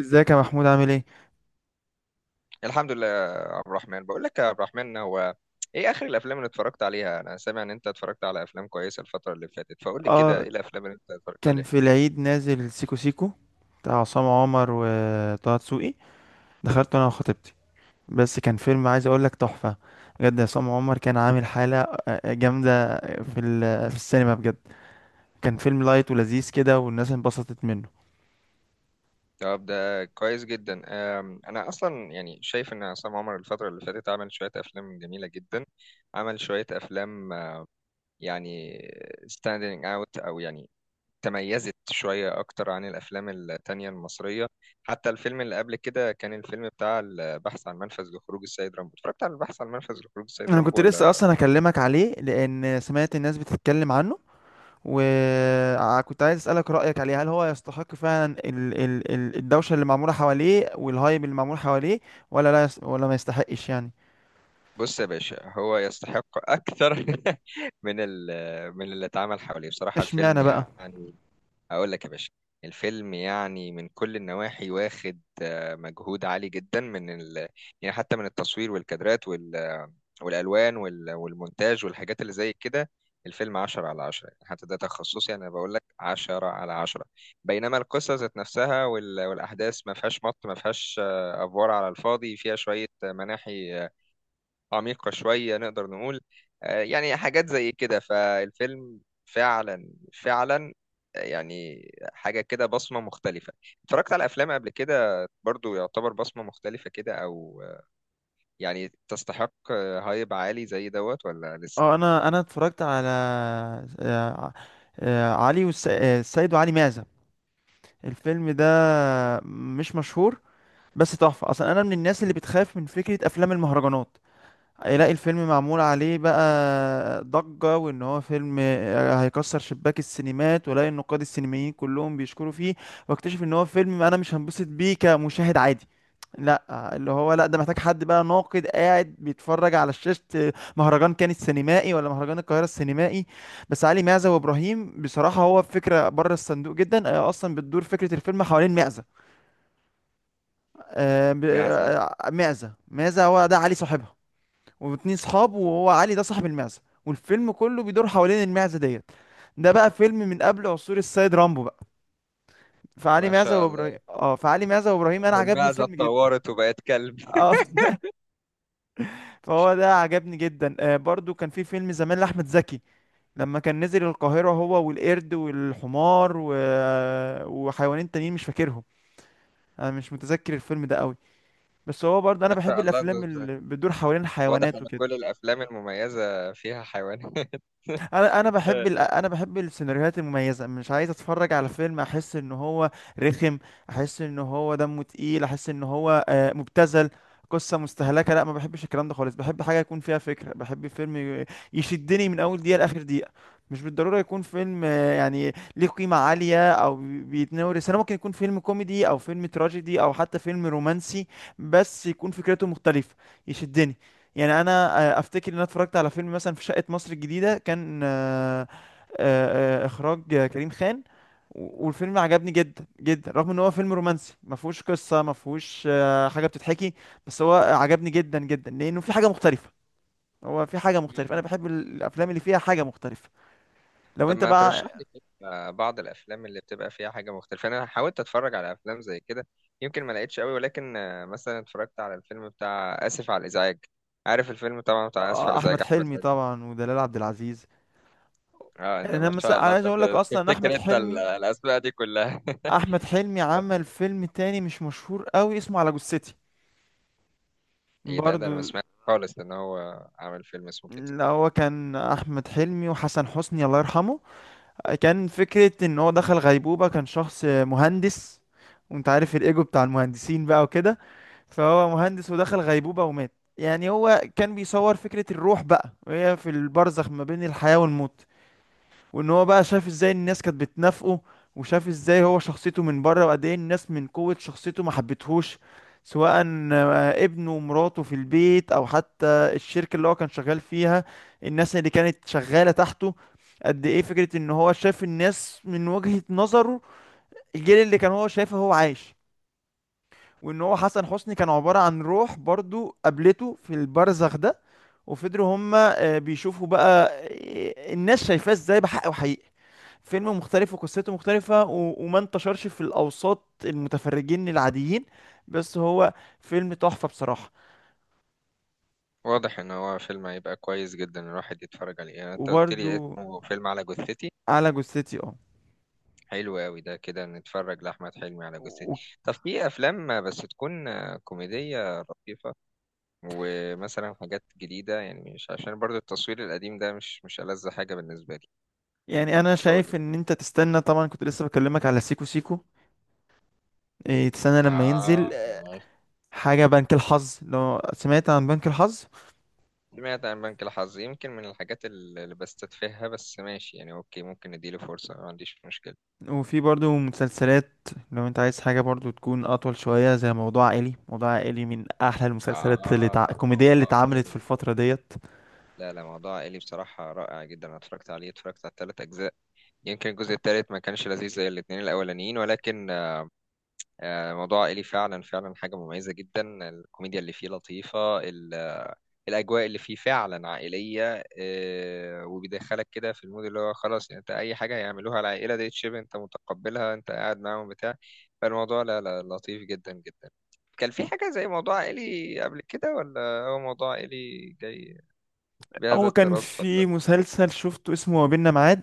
ازيك يا محمود؟ عامل ايه؟ الحمد لله يا عبد الرحمن. بقول لك يا عبد الرحمن، هو ايه اخر الافلام اللي اتفرجت عليها؟ انا سامع ان انت اتفرجت على افلام كويسه الفتره اللي فاتت، فقول لي كده اه ايه الافلام اللي انت اتفرجت كان عليها. في العيد نازل سيكو سيكو، بتاع عصام عمر وطه دسوقي. دخلته انا وخطيبتي، بس كان فيلم، عايز اقول لك، تحفة بجد. عصام عمر كان عامل حالة جامدة في السينما بجد. كان فيلم لايت ولذيذ كده، والناس انبسطت منه. طب ده كويس جدا. انا اصلا يعني شايف ان عصام عمر الفتره اللي فاتت عمل شويه افلام جميله جدا. عمل شويه افلام يعني standing out، او يعني تميزت شوية أكتر عن الأفلام التانية المصرية. حتى الفيلم اللي قبل كده، كان الفيلم بتاع البحث عن منفذ لخروج السيد رامبو، اتفرجت على البحث عن منفذ لخروج السيد رامبو كنت لسه ولا؟ اصلا اكلمك عليه، لان سمعت الناس بتتكلم عنه، وكنت عايز أسألك رأيك عليه، هل هو يستحق فعلا الدوشة اللي معمولة حواليه، والهايب اللي معمول حواليه، ولا لا يس... ولا ما يستحقش يعني؟ بص يا باشا، هو يستحق أكتر من ال... من اللي اتعمل حواليه بصراحة الفيلم اشمعنى بقى؟ يعني. أقول لك يا باشا، الفيلم يعني من كل النواحي واخد مجهود عالي جدا من ال... يعني حتى من التصوير والكادرات والالوان والمونتاج والحاجات اللي زي كده. الفيلم 10 على 10 يعني، حتى ده تخصصي انا بقول لك 10 على 10. بينما القصه ذات نفسها والاحداث ما فيهاش مط، ما فيهاش افوار على الفاضي، فيها شويه مناحي عميقه شويه نقدر نقول. يعني حاجات زي كده فالفيلم، فعلا فعلا يعني حاجه كده بصمه مختلفه. اتفرجت على افلام قبل كده برضو يعتبر بصمه مختلفه كده، او يعني تستحق هايب عالي زي دوت ولا لسه؟ اه انا اتفرجت على آه، علي والس... آه، السيد وعلي معزة. الفيلم ده مش مشهور، بس تحفة. اصلا انا من الناس اللي بتخاف من فكرة افلام المهرجانات، هيلاقي الفيلم معمول عليه بقى ضجة، وان هو فيلم هيكسر شباك السينمات، ولاقي النقاد السينمائيين كلهم بيشكروا فيه، واكتشف ان هو فيلم انا مش هنبسط بيه كمشاهد عادي. لا، اللي هو لا، ده محتاج حد بقى ناقد، قاعد بيتفرج على شاشة مهرجان كان السينمائي، ولا مهرجان القاهرة السينمائي. بس علي معزة وابراهيم بصراحة، هو فكرة بره الصندوق جدا. اصلا بتدور فكرة الفيلم حوالين معزة. معزة. معزة، هو ده علي صاحبها، واتنين صحاب، وهو علي ده صاحب المعزة، والفيلم كله بيدور حوالين المعزة ديت. ده بقى فيلم من قبل عصور السيد رامبو بقى. ما شاء الله. فعلي معزة وابراهيم انا هو عجبني المعزة الفيلم جدا. اتطورت وبقت كلب؟ اه فهو ده عجبني جدا. برضو كان في فيلم زمان لاحمد زكي، لما كان نزل القاهرة هو والقرد والحمار وحيوانين تانيين مش فاكرهم. انا مش متذكر الفيلم ده قوي، بس هو برضه انا ما بحب شاء الله. الافلام اللي بتدور حوالين واضح الحيوانات ان وكده. كل الافلام المميزة فيها حيوانات. انا بحب السيناريوهات المميزه. مش عايز اتفرج على فيلم احس ان هو رخم، احس ان هو دمه تقيل، احس ان هو مبتذل، قصه مستهلكه. لا، ما بحبش الكلام ده خالص. بحب حاجه يكون فيها فكره، بحب فيلم يشدني من اول دقيقه لاخر دقيقه. مش بالضروره يكون فيلم يعني ليه قيمه عاليه، او بيتناول، انا ممكن يكون فيلم كوميدي، او فيلم تراجيدي، او حتى فيلم رومانسي، بس يكون فكرته مختلفه، يشدني. يعني انا افتكر ان انا اتفرجت على فيلم مثلا في شقة مصر الجديدة، كان اخراج كريم خان، والفيلم عجبني جدا جدا، رغم ان هو فيلم رومانسي، ما فيهوش قصة، ما فيهوش حاجة بتتحكي، بس هو عجبني جدا جدا لانه في حاجة مختلفة. هو في حاجة مختلفة. انا مم. بحب الافلام اللي فيها حاجة مختلفة. لو طب انت ما بقى. ترشح لي كده بعض الافلام اللي بتبقى فيها حاجة مختلفة. انا حاولت اتفرج على افلام زي كده، يمكن ما لقيتش قوي، ولكن مثلا اتفرجت على الفيلم بتاع اسف على الازعاج. عارف الفيلم طبعا، بتاع اسف على الازعاج احمد احمد حلمي حلمي. طبعا، ودلال عبد العزيز. اه انت ما شاء الله انا انت، عايز اقول لك اصلا إن احمد بتفتكر انت حلمي، الاسماء دي كلها؟ احمد حلمي عمل فيلم تاني مش مشهور قوي، اسمه على جثتي ايه ده؟ ده انا ما برضو. سمعت خالص ان هو عمل فيلم اسمه كده. لا، هو كان احمد حلمي وحسن حسني الله يرحمه. كان فكره ان هو دخل غيبوبه، كان شخص مهندس، وانت عارف الايجو بتاع المهندسين بقى وكده، فهو مهندس ودخل غيبوبه ومات. يعني هو كان بيصور فكره الروح بقى وهي في البرزخ ما بين الحياه والموت، وان هو بقى شاف ازاي الناس كانت بتنافقه، وشاف ازاي هو شخصيته من بره، وقد ايه الناس من قوة شخصيته ما حبتهوش، سواء ابنه ومراته في البيت، او حتى الشركة اللي هو كان شغال فيها، الناس اللي كانت شغالة تحته. قد ايه فكرة ان هو شاف الناس من وجهة نظره، الجيل اللي كان هو شايفه هو عايش، وان هو حسن حسني كان عبارة عن روح برضو، قابلته في البرزخ ده، وفضلوا هما بيشوفوا بقى الناس شايفاه ازاي بحق وحقيقة. فيلم مختلف وقصته مختلفة، وما انتشرش في الأوساط المتفرجين العاديين، بس هو فيلم تحفة بصراحة. واضح ان هو فيلم هيبقى كويس جدا الواحد يتفرج عليه. يعني انت قلت وبرضو لي اسمه فيلم على جثتي؟ على جثتي، اه. حلو قوي. ده كده نتفرج لاحمد حلمي على و... جثتي. و- طب في افلام بس تكون كوميديه لطيفه، ومثلا حاجات جديده؟ يعني مش عشان برضو التصوير القديم ده، مش مش ألذ حاجه بالنسبه لي. يعني أنا فقول لي شايف كده. إن أنت تستنى، طبعا كنت لسه بكلمك على سيكو سيكو. إيه تستنى لما ينزل اه ماشي. حاجة بنك الحظ، لو سمعت عن بنك الحظ. سمعت عن بنك الحظ، يمكن من الحاجات اللي بستتفهها، بس ماشي يعني اوكي، ممكن اديله فرصه ما عنديش مشكله. وفي برضو مسلسلات، لو أنت عايز حاجة برضو تكون أطول شوية، زي موضوع عائلي. موضوع عائلي من أحلى المسلسلات آه الكوميدية اللي موضوع اتعملت في إلي. الفترة ديت. لا، لا، موضوع إلي بصراحة رائع جدا. أنا اتفرجت عليه، اتفرجت على الثلاث أجزاء. يمكن الجزء الثالث ما كانش لذيذ زي الاتنين الأولانيين، ولكن موضوع إلي فعلا فعلا حاجة مميزة جدا. الكوميديا اللي فيه لطيفة، الأجواء اللي فيه فعلا عائلية، وبيدخلك كده في المود، اللي هو خلاص يعني أنت أي حاجة يعملوها العائلة دي تشيب أنت متقبلها، أنت قاعد معاهم بتاع. فالموضوع لا، لا، لطيف جدا جدا. كان في حاجة زي موضوع إلي قبل كده ولا هو موضوع إلي جاي بهذا هو كان التراث في فقط؟ مسلسل شفته اسمه ما بيننا معاد،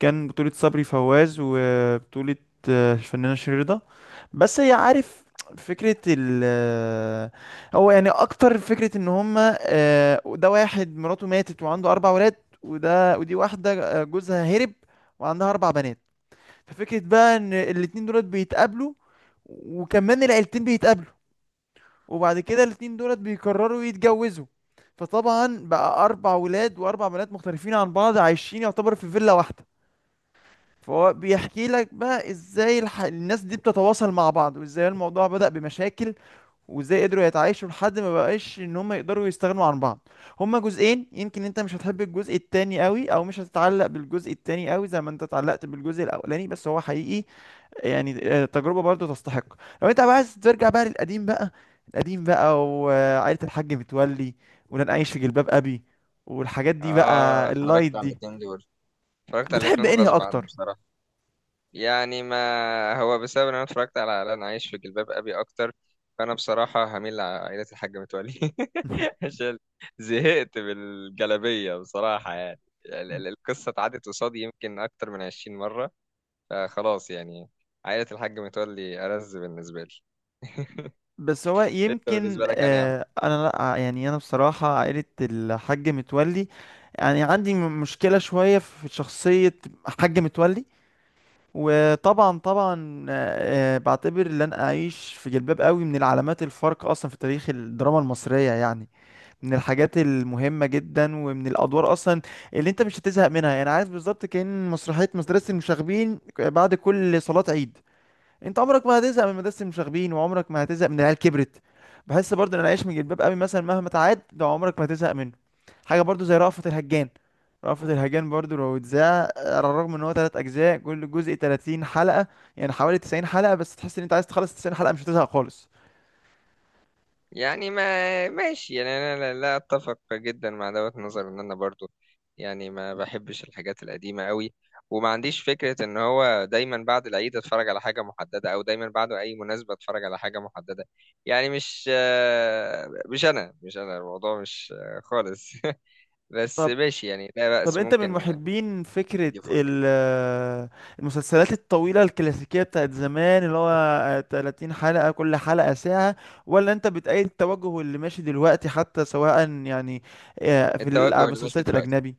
كان بطولة صبري فواز، وبطولة الفنانة شيرين. بس هي عارف، فكرة ال آه، هو يعني أكتر، فكرة إن هما ده واحد مراته ماتت وعنده أربع ولاد، ودي واحدة جوزها هرب وعندها أربع بنات. ففكرة بقى إن الاتنين دولت بيتقابلوا، وكمان العيلتين بيتقابلوا، وبعد كده الاتنين دولت بيقرروا يتجوزوا. فطبعا بقى اربع ولاد واربع بنات مختلفين عن بعض، عايشين يعتبر في فيلا واحده. فهو بيحكي لك بقى ازاي الناس دي بتتواصل مع بعض، وازاي الموضوع بدأ بمشاكل، وازاي قدروا يتعايشوا لحد ما بقاش ان هم يقدروا يستغنوا عن بعض. هما جزئين. يمكن انت مش هتحب الجزء التاني قوي، او مش هتتعلق بالجزء التاني قوي زي ما انت اتعلقت بالجزء الاولاني، بس هو حقيقي يعني تجربة برضو تستحق. لو انت بقى عايز ترجع بقى للقديم بقى، القديم بقى، وعائلة الحاج متولي، ولن أعيش في جلباب أبي، والحاجات دي اه بقى اللايت اتفرجت على دي. الاتنين دول، اتفرجت على بتحب الاتنين انهي غصب عني أكتر؟ بصراحة. يعني ما هو بسبب ان انا اتفرجت على لن عايش في جلباب ابي اكتر، فانا بصراحة هميل لعائلة الحاج متولي عشان زهقت بالجلابية بصراحة يعني. القصة اتعدت قصادي يمكن اكتر من 20 مرة، فخلاص يعني عائلة الحاج متولي ألذ بالنسبة لي. بس هو انت يمكن، بالنسبة لك يعني. أنا لأ، يعني أنا بصراحة عائلة الحاج متولي، يعني عندي مشكلة شوية في شخصية حاج متولي. وطبعا طبعا، بعتبر ان انا اعيش في جلباب قوي من العلامات الفارقه اصلا في تاريخ الدراما المصريه يعني، من الحاجات المهمة جدا، ومن الأدوار أصلا اللي أنت مش هتزهق منها، يعني عارف بالظبط، كأن مسرحية مدرسة المشاغبين بعد كل صلاة عيد، أنت عمرك ما هتزهق من مدرسة المشاغبين، وعمرك ما هتزهق من العيال كبرت. بحس برضه إن العيش من جلباب أبي مثلا مهما تعاد ده، عمرك ما هتزهق منه. حاجة برضه زي رأفت الهجان، رأفت الهجان برضه لو اتذاع، على الرغم إن هو تلات أجزاء، كل جزء 30 حلقة، يعني حوالي 90 حلقة، بس تحس إن أنت عايز تخلص 90 حلقة مش هتزهق خالص. يعني ما ماشي. يعني انا لا اتفق جدا مع دوت نظر، ان انا برضو يعني ما بحبش الحاجات القديمه قوي، وما عنديش فكره ان هو دايما بعد العيد اتفرج على حاجه محدده، او دايما بعد اي مناسبه اتفرج على حاجه محدده. يعني مش آه، مش انا مش انا الموضوع مش خالص. بس ماشي يعني لا طب بأس، انت من ممكن محبين فكرة ادي فرصه. المسلسلات الطويلة الكلاسيكية بتاعت زمان، اللي هو 30 حلقة كل حلقة ساعة، ولا انت بتأيد التوجه اللي ماشي دلوقتي حتى، سواء يعني اه، في التوجه اللي ماشي المسلسلات دلوقتي، الأجنبي؟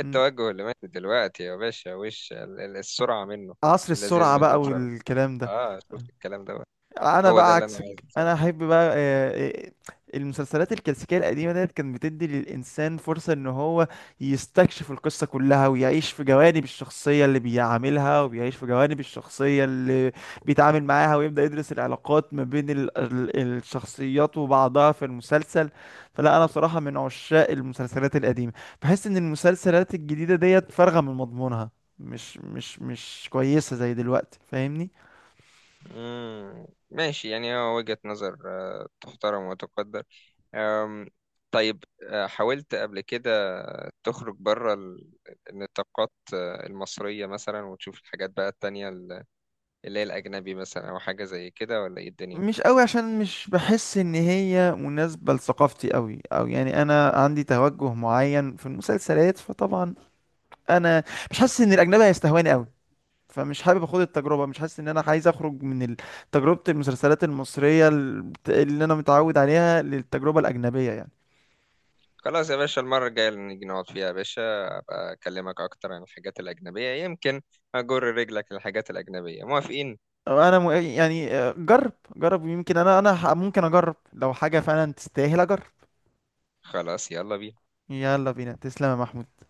مم. اللي ماشي دلوقتي يا باشا وش السرعه منه، عصر اللذيذ السرعة منه بقى بسرعه. والكلام ده. اه شفت الكلام ده؟ انا هو ده بقى اللي انا عايزه عكسك، انا بصراحه. احب بقى، المسلسلات الكلاسيكيه القديمه ديت كانت بتدي للانسان فرصه ان هو يستكشف القصه كلها، ويعيش في جوانب الشخصيه اللي بيعاملها، وبيعيش في جوانب الشخصيه اللي بيتعامل معاها، ويبدا يدرس العلاقات ما بين الشخصيات وبعضها في المسلسل. فلا، انا بصراحه من عشاق المسلسلات القديمه، بحس ان المسلسلات الجديده ديت فارغه من مضمونها، مش كويسه زي دلوقتي، فاهمني؟ ماشي، يعني هو وجهة نظر تحترم وتقدر. أم، طيب، حاولت قبل كده تخرج بره النطاقات المصرية مثلا وتشوف الحاجات بقى التانية اللي هي الأجنبي مثلا، أو حاجة زي كده، ولا إيه الدنيا؟ مش قوي، عشان مش بحس ان هي مناسبة لثقافتي قوي، او يعني انا عندي توجه معين في المسلسلات، فطبعا انا مش حاسس ان الاجنبي هيستهواني قوي، فمش حابب اخد التجربة، مش حاسس ان انا عايز اخرج من تجربة المسلسلات المصرية اللي انا متعود عليها للتجربة الاجنبية يعني. خلاص يا باشا، المرة الجاية اللي نيجي نقعد فيها يا باشا، أبقى أكلمك أكتر عن الحاجات الأجنبية. يمكن أجر رجلك للحاجات الأجنبية، موافقين؟ يعني جرب جرب، يمكن ممكن اجرب لو حاجة فعلا تستاهل اجرب. خلاص يلا بينا. يلا بينا، تسلم يا محمود.